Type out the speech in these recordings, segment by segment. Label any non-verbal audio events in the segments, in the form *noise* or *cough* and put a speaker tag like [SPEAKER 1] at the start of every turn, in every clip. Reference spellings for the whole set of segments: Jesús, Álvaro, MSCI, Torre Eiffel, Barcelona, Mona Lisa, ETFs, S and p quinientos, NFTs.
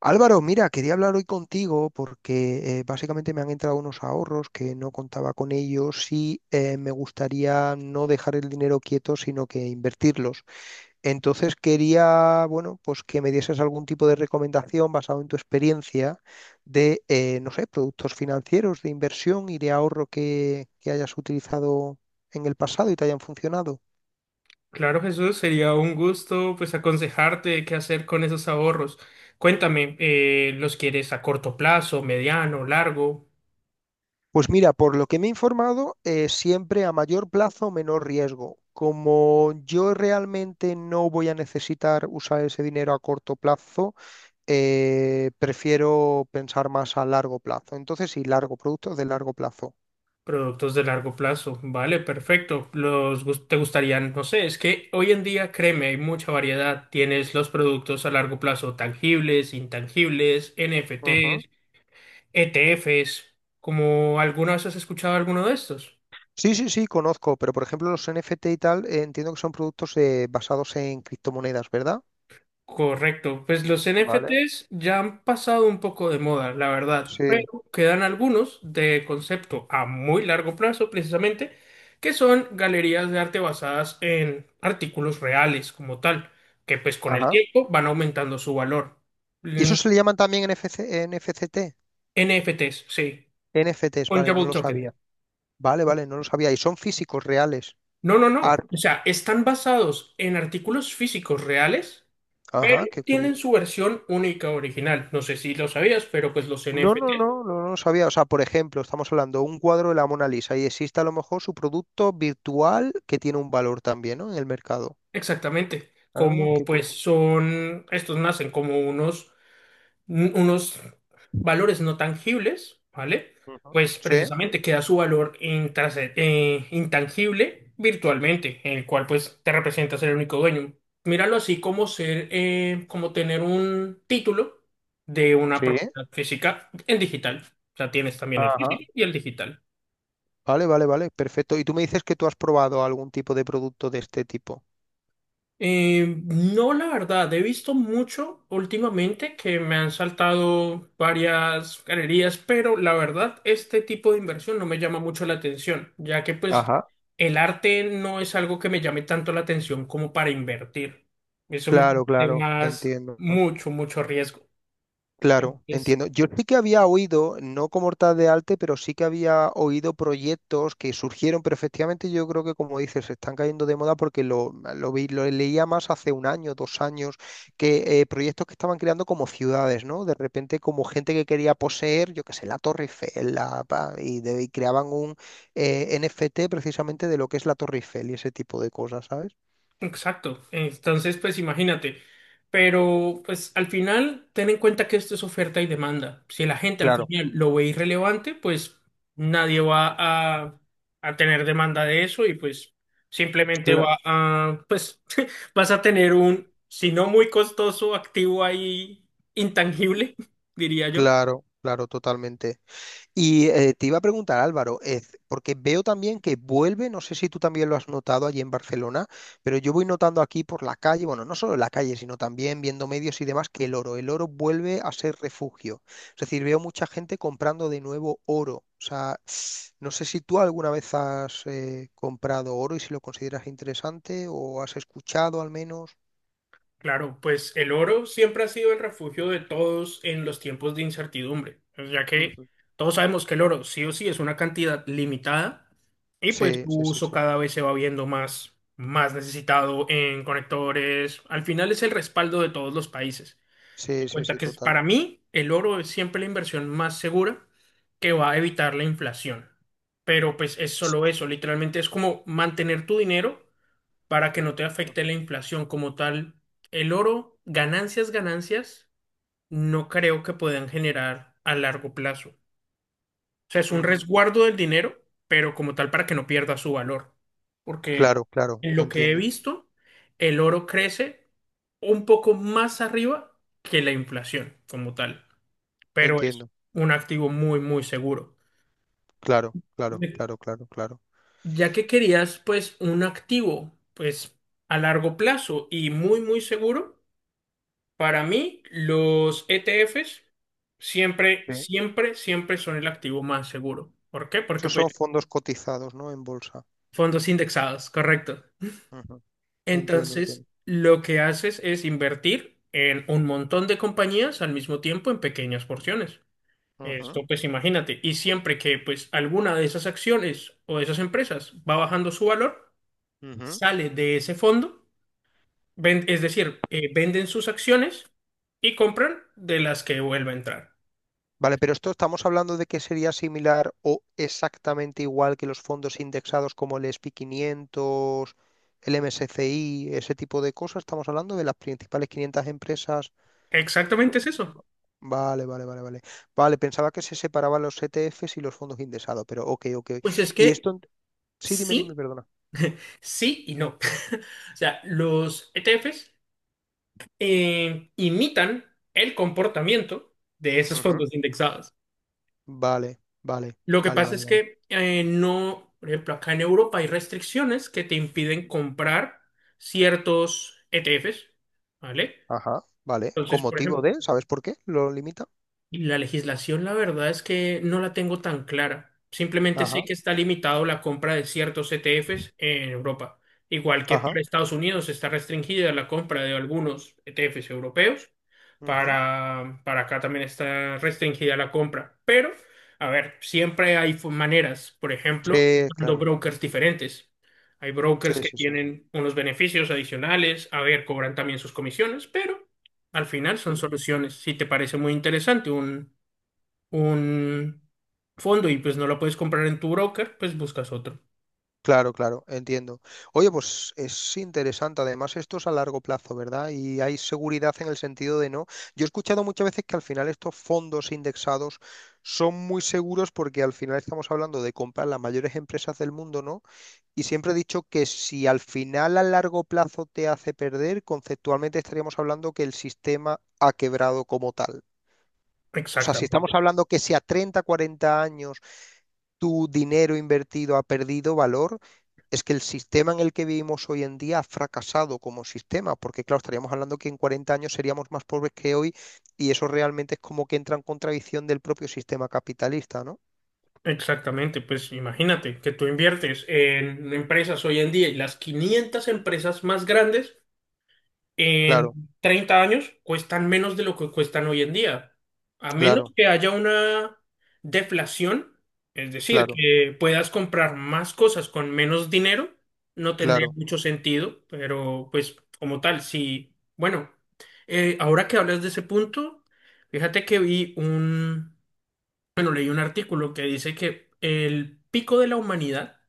[SPEAKER 1] Álvaro, mira, quería hablar hoy contigo porque básicamente me han entrado unos ahorros que no contaba con ellos y me gustaría no dejar el dinero quieto, sino que invertirlos. Entonces quería, bueno, pues que me dieses algún tipo de recomendación basado en tu experiencia de, no sé, productos financieros de inversión y de ahorro que hayas utilizado en el pasado y te hayan funcionado.
[SPEAKER 2] Claro, Jesús, sería un gusto pues aconsejarte qué hacer con esos ahorros. Cuéntame, ¿los quieres a corto plazo, mediano, largo?
[SPEAKER 1] Pues mira, por lo que me he informado, siempre a mayor plazo, menor riesgo. Como yo realmente no voy a necesitar usar ese dinero a corto plazo, prefiero pensar más a largo plazo. Entonces, sí, largo, productos de largo plazo.
[SPEAKER 2] Productos de largo plazo. Vale, perfecto. Los te gustarían, no sé, es que hoy en día, créeme, hay mucha variedad. Tienes los productos a largo plazo tangibles, intangibles,
[SPEAKER 1] Ujú.
[SPEAKER 2] NFTs, ETFs. ¿Como alguna vez has escuchado alguno de estos?
[SPEAKER 1] Sí, sí, sí, conozco, pero por ejemplo los NFT y tal, entiendo que son productos basados en criptomonedas, ¿verdad?
[SPEAKER 2] Correcto, pues los
[SPEAKER 1] Vale.
[SPEAKER 2] NFTs ya han pasado un poco de moda, la verdad,
[SPEAKER 1] Sí.
[SPEAKER 2] pero quedan algunos de concepto a muy largo plazo precisamente, que son galerías de arte basadas en artículos reales como tal, que pues con el
[SPEAKER 1] Ajá.
[SPEAKER 2] tiempo van aumentando su valor.
[SPEAKER 1] ¿Y
[SPEAKER 2] Mm,
[SPEAKER 1] eso se le llaman también NFC, NFCT?
[SPEAKER 2] NFTs, sí,
[SPEAKER 1] NFTs, vale,
[SPEAKER 2] fungible
[SPEAKER 1] no lo
[SPEAKER 2] token.
[SPEAKER 1] sabía. Vale, vale, no lo sabía. Y son físicos reales.
[SPEAKER 2] No, no, no, o
[SPEAKER 1] Arte.
[SPEAKER 2] sea, están basados en artículos físicos reales. Pero
[SPEAKER 1] Ajá, qué
[SPEAKER 2] tienen
[SPEAKER 1] curioso.
[SPEAKER 2] su versión única original. No sé si lo sabías, pero pues los
[SPEAKER 1] No,
[SPEAKER 2] NFT.
[SPEAKER 1] no, no, no, no lo sabía. O sea, por ejemplo, estamos hablando de un cuadro de la Mona Lisa y existe a lo mejor su producto virtual que tiene un valor también, ¿no? En el mercado.
[SPEAKER 2] Exactamente,
[SPEAKER 1] Ah,
[SPEAKER 2] como
[SPEAKER 1] qué
[SPEAKER 2] pues
[SPEAKER 1] curioso.
[SPEAKER 2] son, estos nacen como unos, unos valores no tangibles, ¿vale?
[SPEAKER 1] Ujú.
[SPEAKER 2] Pues
[SPEAKER 1] Sí,
[SPEAKER 2] precisamente queda su valor intangible virtualmente, en el cual pues te representas el único dueño. Míralo así como ser, como tener un título de una
[SPEAKER 1] sí.
[SPEAKER 2] propiedad física en digital. O sea, tienes también el
[SPEAKER 1] Ajá.
[SPEAKER 2] físico y el digital.
[SPEAKER 1] Vale, vale, vale, perfecto. Y tú me dices que tú has probado algún tipo de producto de este tipo.
[SPEAKER 2] No, la verdad, he visto mucho últimamente que me han saltado varias galerías, pero la verdad, este tipo de inversión no me llama mucho la atención, ya que pues
[SPEAKER 1] Ajá.
[SPEAKER 2] el arte no es algo que me llame tanto la atención como para invertir. Eso me
[SPEAKER 1] Claro,
[SPEAKER 2] parece
[SPEAKER 1] claro,
[SPEAKER 2] más
[SPEAKER 1] entiendo.
[SPEAKER 2] mucho, mucho riesgo.
[SPEAKER 1] Claro, entiendo. Yo sí que había oído, no como tal de arte, pero sí que había oído proyectos que surgieron, pero efectivamente yo creo que como dices, se están cayendo de moda porque lo vi, lo leía más hace un año, 2 años, que proyectos que estaban creando como ciudades, ¿no? De repente como gente que quería poseer, yo qué sé, la Torre Eiffel, la, pa, y, de- y creaban un NFT precisamente de lo que es la Torre Eiffel y ese tipo de cosas, ¿sabes?
[SPEAKER 2] Exacto. Entonces, pues imagínate. Pero, pues al final, ten en cuenta que esto es oferta y demanda. Si la gente al
[SPEAKER 1] Claro,
[SPEAKER 2] final lo ve irrelevante, pues nadie a, a tener demanda de eso y pues simplemente
[SPEAKER 1] claro.
[SPEAKER 2] va a, pues *laughs* vas a tener un, si no muy costoso, activo ahí intangible, *laughs* diría yo.
[SPEAKER 1] Claro, claro, totalmente. Y te iba a preguntar, Álvaro, porque veo también que vuelve, no sé si tú también lo has notado allí en Barcelona, pero yo voy notando aquí por la calle, bueno, no solo en la calle, sino también viendo medios y demás, que el oro vuelve a ser refugio. Es decir, veo mucha gente comprando de nuevo oro. O sea, no sé si tú alguna vez has comprado oro y si lo consideras interesante o has escuchado al menos.
[SPEAKER 2] Claro, pues el oro siempre ha sido el refugio de todos en los tiempos de incertidumbre, ya que
[SPEAKER 1] Ujú.
[SPEAKER 2] todos sabemos que el oro sí o sí es una cantidad limitada y pues
[SPEAKER 1] Sí,
[SPEAKER 2] su
[SPEAKER 1] sí, sí,
[SPEAKER 2] uso
[SPEAKER 1] sí.
[SPEAKER 2] cada vez se va viendo más, más necesitado en conectores. Al final es el respaldo de todos los países.
[SPEAKER 1] Sí,
[SPEAKER 2] En
[SPEAKER 1] sí,
[SPEAKER 2] cuenta
[SPEAKER 1] sí,
[SPEAKER 2] que
[SPEAKER 1] total.
[SPEAKER 2] para mí el oro es siempre la inversión más segura que va a evitar la inflación. Pero pues es solo eso, literalmente es como mantener tu dinero para que no te afecte
[SPEAKER 1] Ujú.
[SPEAKER 2] la inflación como tal. El oro, ganancias, ganancias, no creo que puedan generar a largo plazo. O sea, es un
[SPEAKER 1] Ujú.
[SPEAKER 2] resguardo del dinero, pero como tal para que no pierda su valor. Porque
[SPEAKER 1] Claro, claro,
[SPEAKER 2] en lo que he
[SPEAKER 1] entiendo,
[SPEAKER 2] visto, el oro crece un poco más arriba que la inflación como tal, pero es
[SPEAKER 1] entiendo.
[SPEAKER 2] un activo muy, muy seguro.
[SPEAKER 1] Claro, claro,
[SPEAKER 2] Me-
[SPEAKER 1] claro, claro, claro.
[SPEAKER 2] Ya que querías, pues, un activo, pues, a largo plazo y muy, muy seguro, para mí, los ETFs siempre,
[SPEAKER 1] Sí.
[SPEAKER 2] siempre, siempre son el activo más seguro. ¿Por qué? Porque
[SPEAKER 1] Esos
[SPEAKER 2] pues
[SPEAKER 1] son fondos cotizados, ¿no? En bolsa.
[SPEAKER 2] fondos indexados, correcto.
[SPEAKER 1] Ujú, entiendo, entiendo.
[SPEAKER 2] Entonces, lo que haces es invertir en un montón de compañías al mismo tiempo en pequeñas porciones.
[SPEAKER 1] Ujú,
[SPEAKER 2] Esto pues imagínate, y siempre que pues alguna de esas acciones o de esas empresas va bajando su valor,
[SPEAKER 1] ujú.
[SPEAKER 2] sale de ese fondo, venden sus acciones y compran de las que vuelve a entrar.
[SPEAKER 1] Vale, pero esto estamos hablando de que sería similar o exactamente igual que los fondos indexados como el S&P 500, el MSCI, ese tipo de cosas. Estamos hablando de las principales 500 empresas.
[SPEAKER 2] Exactamente
[SPEAKER 1] Lo-
[SPEAKER 2] es eso.
[SPEAKER 1] Vale, vale, vale, vale. Vale, pensaba que se separaban los E T ETFs y los fondos indexados, pero ok, ok.
[SPEAKER 2] Pues es
[SPEAKER 1] Y
[SPEAKER 2] que
[SPEAKER 1] esto, sí, dime, dime,
[SPEAKER 2] sí,
[SPEAKER 1] perdona.
[SPEAKER 2] sí y no. *laughs* O sea, los ETFs imitan el comportamiento de esos fondos indexados.
[SPEAKER 1] Vale, vale,
[SPEAKER 2] Lo que
[SPEAKER 1] vale,
[SPEAKER 2] pasa
[SPEAKER 1] vale,
[SPEAKER 2] es
[SPEAKER 1] vale.
[SPEAKER 2] que no, por ejemplo, acá en Europa hay restricciones que te impiden comprar ciertos ETFs, ¿vale?
[SPEAKER 1] Ajá, vale. ¿Con
[SPEAKER 2] Entonces, por
[SPEAKER 1] motivo
[SPEAKER 2] ejemplo,
[SPEAKER 1] de? ¿Sabes por qué lo limita?
[SPEAKER 2] y la legislación, la verdad es que no la tengo tan clara. Simplemente sé
[SPEAKER 1] Ajá,
[SPEAKER 2] que está limitado la compra de ciertos ETFs en Europa. Igual que
[SPEAKER 1] ajá.
[SPEAKER 2] para Estados Unidos está restringida la compra de algunos ETFs europeos.
[SPEAKER 1] Ujú.
[SPEAKER 2] Para acá también está restringida la compra. Pero, a ver, siempre hay maneras. Por ejemplo,
[SPEAKER 1] Sí,
[SPEAKER 2] usando
[SPEAKER 1] claro.
[SPEAKER 2] brokers diferentes. Hay
[SPEAKER 1] Sí,
[SPEAKER 2] brokers que
[SPEAKER 1] sí, sí.
[SPEAKER 2] tienen unos beneficios adicionales. A ver, cobran también sus comisiones, pero al final son
[SPEAKER 1] Cl-
[SPEAKER 2] soluciones. Si te parece muy interesante un fondo y pues no lo puedes comprar en tu broker, pues buscas otro.
[SPEAKER 1] Claro, claro, entiendo. Oye, pues es interesante. Además, esto es a largo plazo, ¿verdad? Y hay seguridad en el sentido de no. Yo he escuchado muchas veces que al final estos fondos indexados son muy seguros porque al final estamos hablando de comprar las mayores empresas del mundo, ¿no? Y siempre he dicho que si al final a largo plazo te hace perder, conceptualmente estaríamos hablando que el sistema ha quebrado como tal. O sea, si
[SPEAKER 2] Exactamente,
[SPEAKER 1] estamos hablando que si a 30, 40 años tu dinero invertido ha perdido valor, es que el sistema en el que vivimos hoy en día ha fracasado como sistema, porque claro, estaríamos hablando que en 40 años seríamos más pobres que hoy y eso realmente es como que entra en contradicción del propio sistema capitalista, ¿no?
[SPEAKER 2] exactamente. Pues imagínate que tú inviertes en empresas hoy en día y las 500 empresas más grandes
[SPEAKER 1] Claro,
[SPEAKER 2] en 30 años cuestan menos de lo que cuestan hoy en día, a menos
[SPEAKER 1] claro,
[SPEAKER 2] que haya una deflación, es decir,
[SPEAKER 1] claro,
[SPEAKER 2] que puedas comprar más cosas con menos dinero, no tendría
[SPEAKER 1] claro.
[SPEAKER 2] mucho sentido, pero pues como tal, sí, bueno, ahora que hablas de ese punto, fíjate que vi un, bueno, leí un artículo que dice que el pico de la humanidad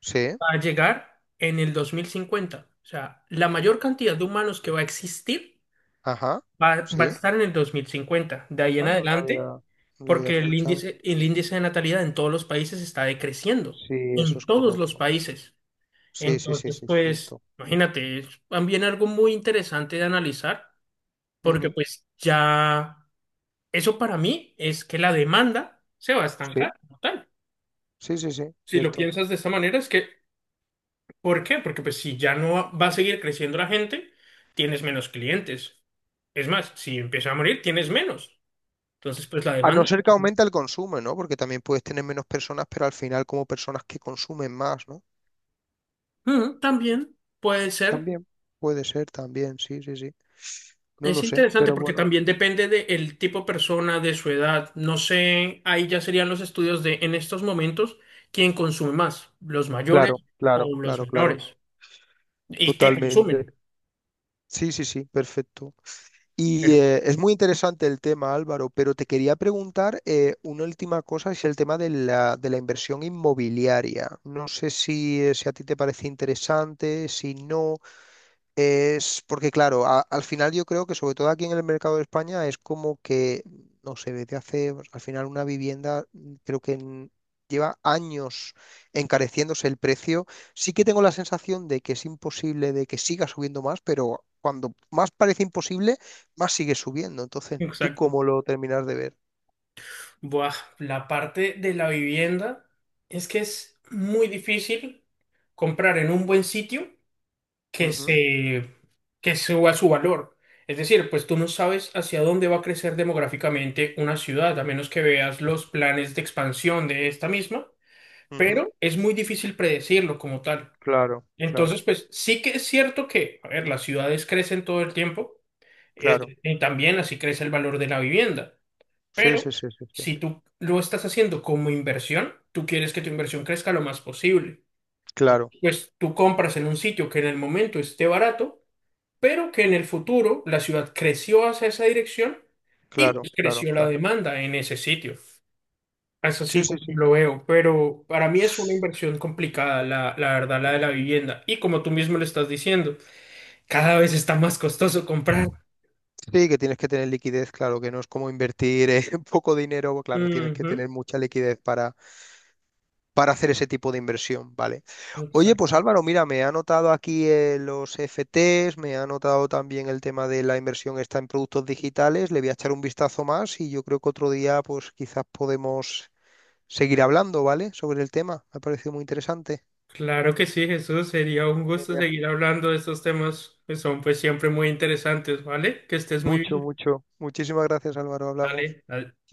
[SPEAKER 1] Sí,
[SPEAKER 2] va a llegar en el 2050, o sea, la mayor cantidad de humanos que va a existir
[SPEAKER 1] ajá,
[SPEAKER 2] va a
[SPEAKER 1] sí.
[SPEAKER 2] estar en el 2050 de ahí en
[SPEAKER 1] Ah, no la había,
[SPEAKER 2] adelante,
[SPEAKER 1] no la había
[SPEAKER 2] porque
[SPEAKER 1] escuchado.
[SPEAKER 2] el índice de natalidad en todos los países está decreciendo,
[SPEAKER 1] Sí, eso
[SPEAKER 2] en
[SPEAKER 1] es
[SPEAKER 2] todos los
[SPEAKER 1] correcto.
[SPEAKER 2] países.
[SPEAKER 1] Sí, sí, sí,
[SPEAKER 2] Entonces,
[SPEAKER 1] sí,
[SPEAKER 2] pues,
[SPEAKER 1] cierto.
[SPEAKER 2] imagínate, es también algo muy interesante de analizar, porque
[SPEAKER 1] Ujú.
[SPEAKER 2] pues ya, eso para mí es que la demanda se va a estancar,
[SPEAKER 1] Sí,
[SPEAKER 2] como tal.
[SPEAKER 1] sí, sí, sí,
[SPEAKER 2] Si lo
[SPEAKER 1] cierto.
[SPEAKER 2] piensas de esta manera, es que, ¿por qué? Porque pues si ya no va a seguir creciendo la gente, tienes menos clientes. Es más, si empieza a morir, tienes menos. Entonces, pues la
[SPEAKER 1] A no
[SPEAKER 2] demanda.
[SPEAKER 1] ser que aumente el consumo, ¿no? Porque también puedes tener menos personas, pero al final como personas que consumen más, ¿no?
[SPEAKER 2] Mm, también puede ser.
[SPEAKER 1] También puede ser, también, sí, sí, sí. No lo
[SPEAKER 2] Es
[SPEAKER 1] sé,
[SPEAKER 2] interesante
[SPEAKER 1] pero
[SPEAKER 2] porque
[SPEAKER 1] bueno.
[SPEAKER 2] también depende del tipo de persona, de su edad. No sé, ahí ya serían los estudios de en estos momentos quién consume más, los mayores
[SPEAKER 1] Claro, claro,
[SPEAKER 2] o los
[SPEAKER 1] claro, claro.
[SPEAKER 2] menores. ¿Y qué
[SPEAKER 1] Totalmente.
[SPEAKER 2] consumen?
[SPEAKER 1] Sí, sí, sí, perfecto. Y
[SPEAKER 2] Pero,
[SPEAKER 1] es muy interesante el tema, Álvaro, pero te quería preguntar una última cosa, es el tema de la, inversión inmobiliaria. No sé si, si a ti te parece interesante, si no, es porque, claro, al final yo creo que sobre todo aquí en el mercado de España es como que, no sé, desde hace, pues, al final una vivienda creo que lleva años encareciéndose el precio. Sí que tengo la sensación de que es imposible, de que siga subiendo más, pero cuando más parece imposible, más sigue subiendo.
[SPEAKER 2] *laughs*
[SPEAKER 1] Entonces, ¿tú
[SPEAKER 2] exacto.
[SPEAKER 1] cómo lo terminas de ver?
[SPEAKER 2] Buah, la parte de la vivienda es que es muy difícil comprar en un buen sitio que se, que suba su valor. Es decir, pues tú no sabes hacia dónde va a crecer demográficamente una ciudad, a menos que veas los planes de expansión de esta misma,
[SPEAKER 1] Ujú, ujú.
[SPEAKER 2] pero es muy difícil predecirlo como tal.
[SPEAKER 1] Claro, claro,
[SPEAKER 2] Entonces, pues sí que es cierto que, a ver, las ciudades crecen todo el tiempo,
[SPEAKER 1] claro.
[SPEAKER 2] y también así crece el valor de la vivienda,
[SPEAKER 1] Sí,
[SPEAKER 2] pero
[SPEAKER 1] sí, sí, sí, sí.
[SPEAKER 2] si tú lo estás haciendo como inversión, tú quieres que tu inversión crezca lo más posible.
[SPEAKER 1] Claro,
[SPEAKER 2] Pues tú compras en un sitio que en el momento esté barato pero que en el futuro la ciudad creció hacia esa dirección y
[SPEAKER 1] claro,
[SPEAKER 2] pues,
[SPEAKER 1] claro,
[SPEAKER 2] creció la
[SPEAKER 1] claro.
[SPEAKER 2] demanda en ese sitio. Es así
[SPEAKER 1] Sí, sí,
[SPEAKER 2] como
[SPEAKER 1] sí.
[SPEAKER 2] yo lo veo, pero para mí es una inversión complicada, la verdad, la de la vivienda. Y como tú mismo lo estás diciendo, cada vez está más costoso comprar.
[SPEAKER 1] Sí, que tienes que tener liquidez, claro, que no es como invertir *laughs* poco dinero, claro, tienes que
[SPEAKER 2] Ujú,
[SPEAKER 1] tener mucha liquidez para, hacer ese tipo de inversión, ¿vale? Oye, pues
[SPEAKER 2] exacto.
[SPEAKER 1] Álvaro, mira, me ha anotado aquí los FTs, me ha anotado también el tema de la inversión está en productos digitales, le voy a echar un vistazo más y yo creo que otro día, pues quizás podemos seguir hablando, ¿vale? Sobre el tema, me ha parecido muy interesante.
[SPEAKER 2] Claro que sí, Jesús, sería un gusto
[SPEAKER 1] Genial.
[SPEAKER 2] seguir hablando de estos temas que son pues siempre muy interesantes, ¿vale? Que estés muy
[SPEAKER 1] Mucho,
[SPEAKER 2] bien.
[SPEAKER 1] mucho. Muchísimas gracias, Álvaro, hablamos.
[SPEAKER 2] Dale,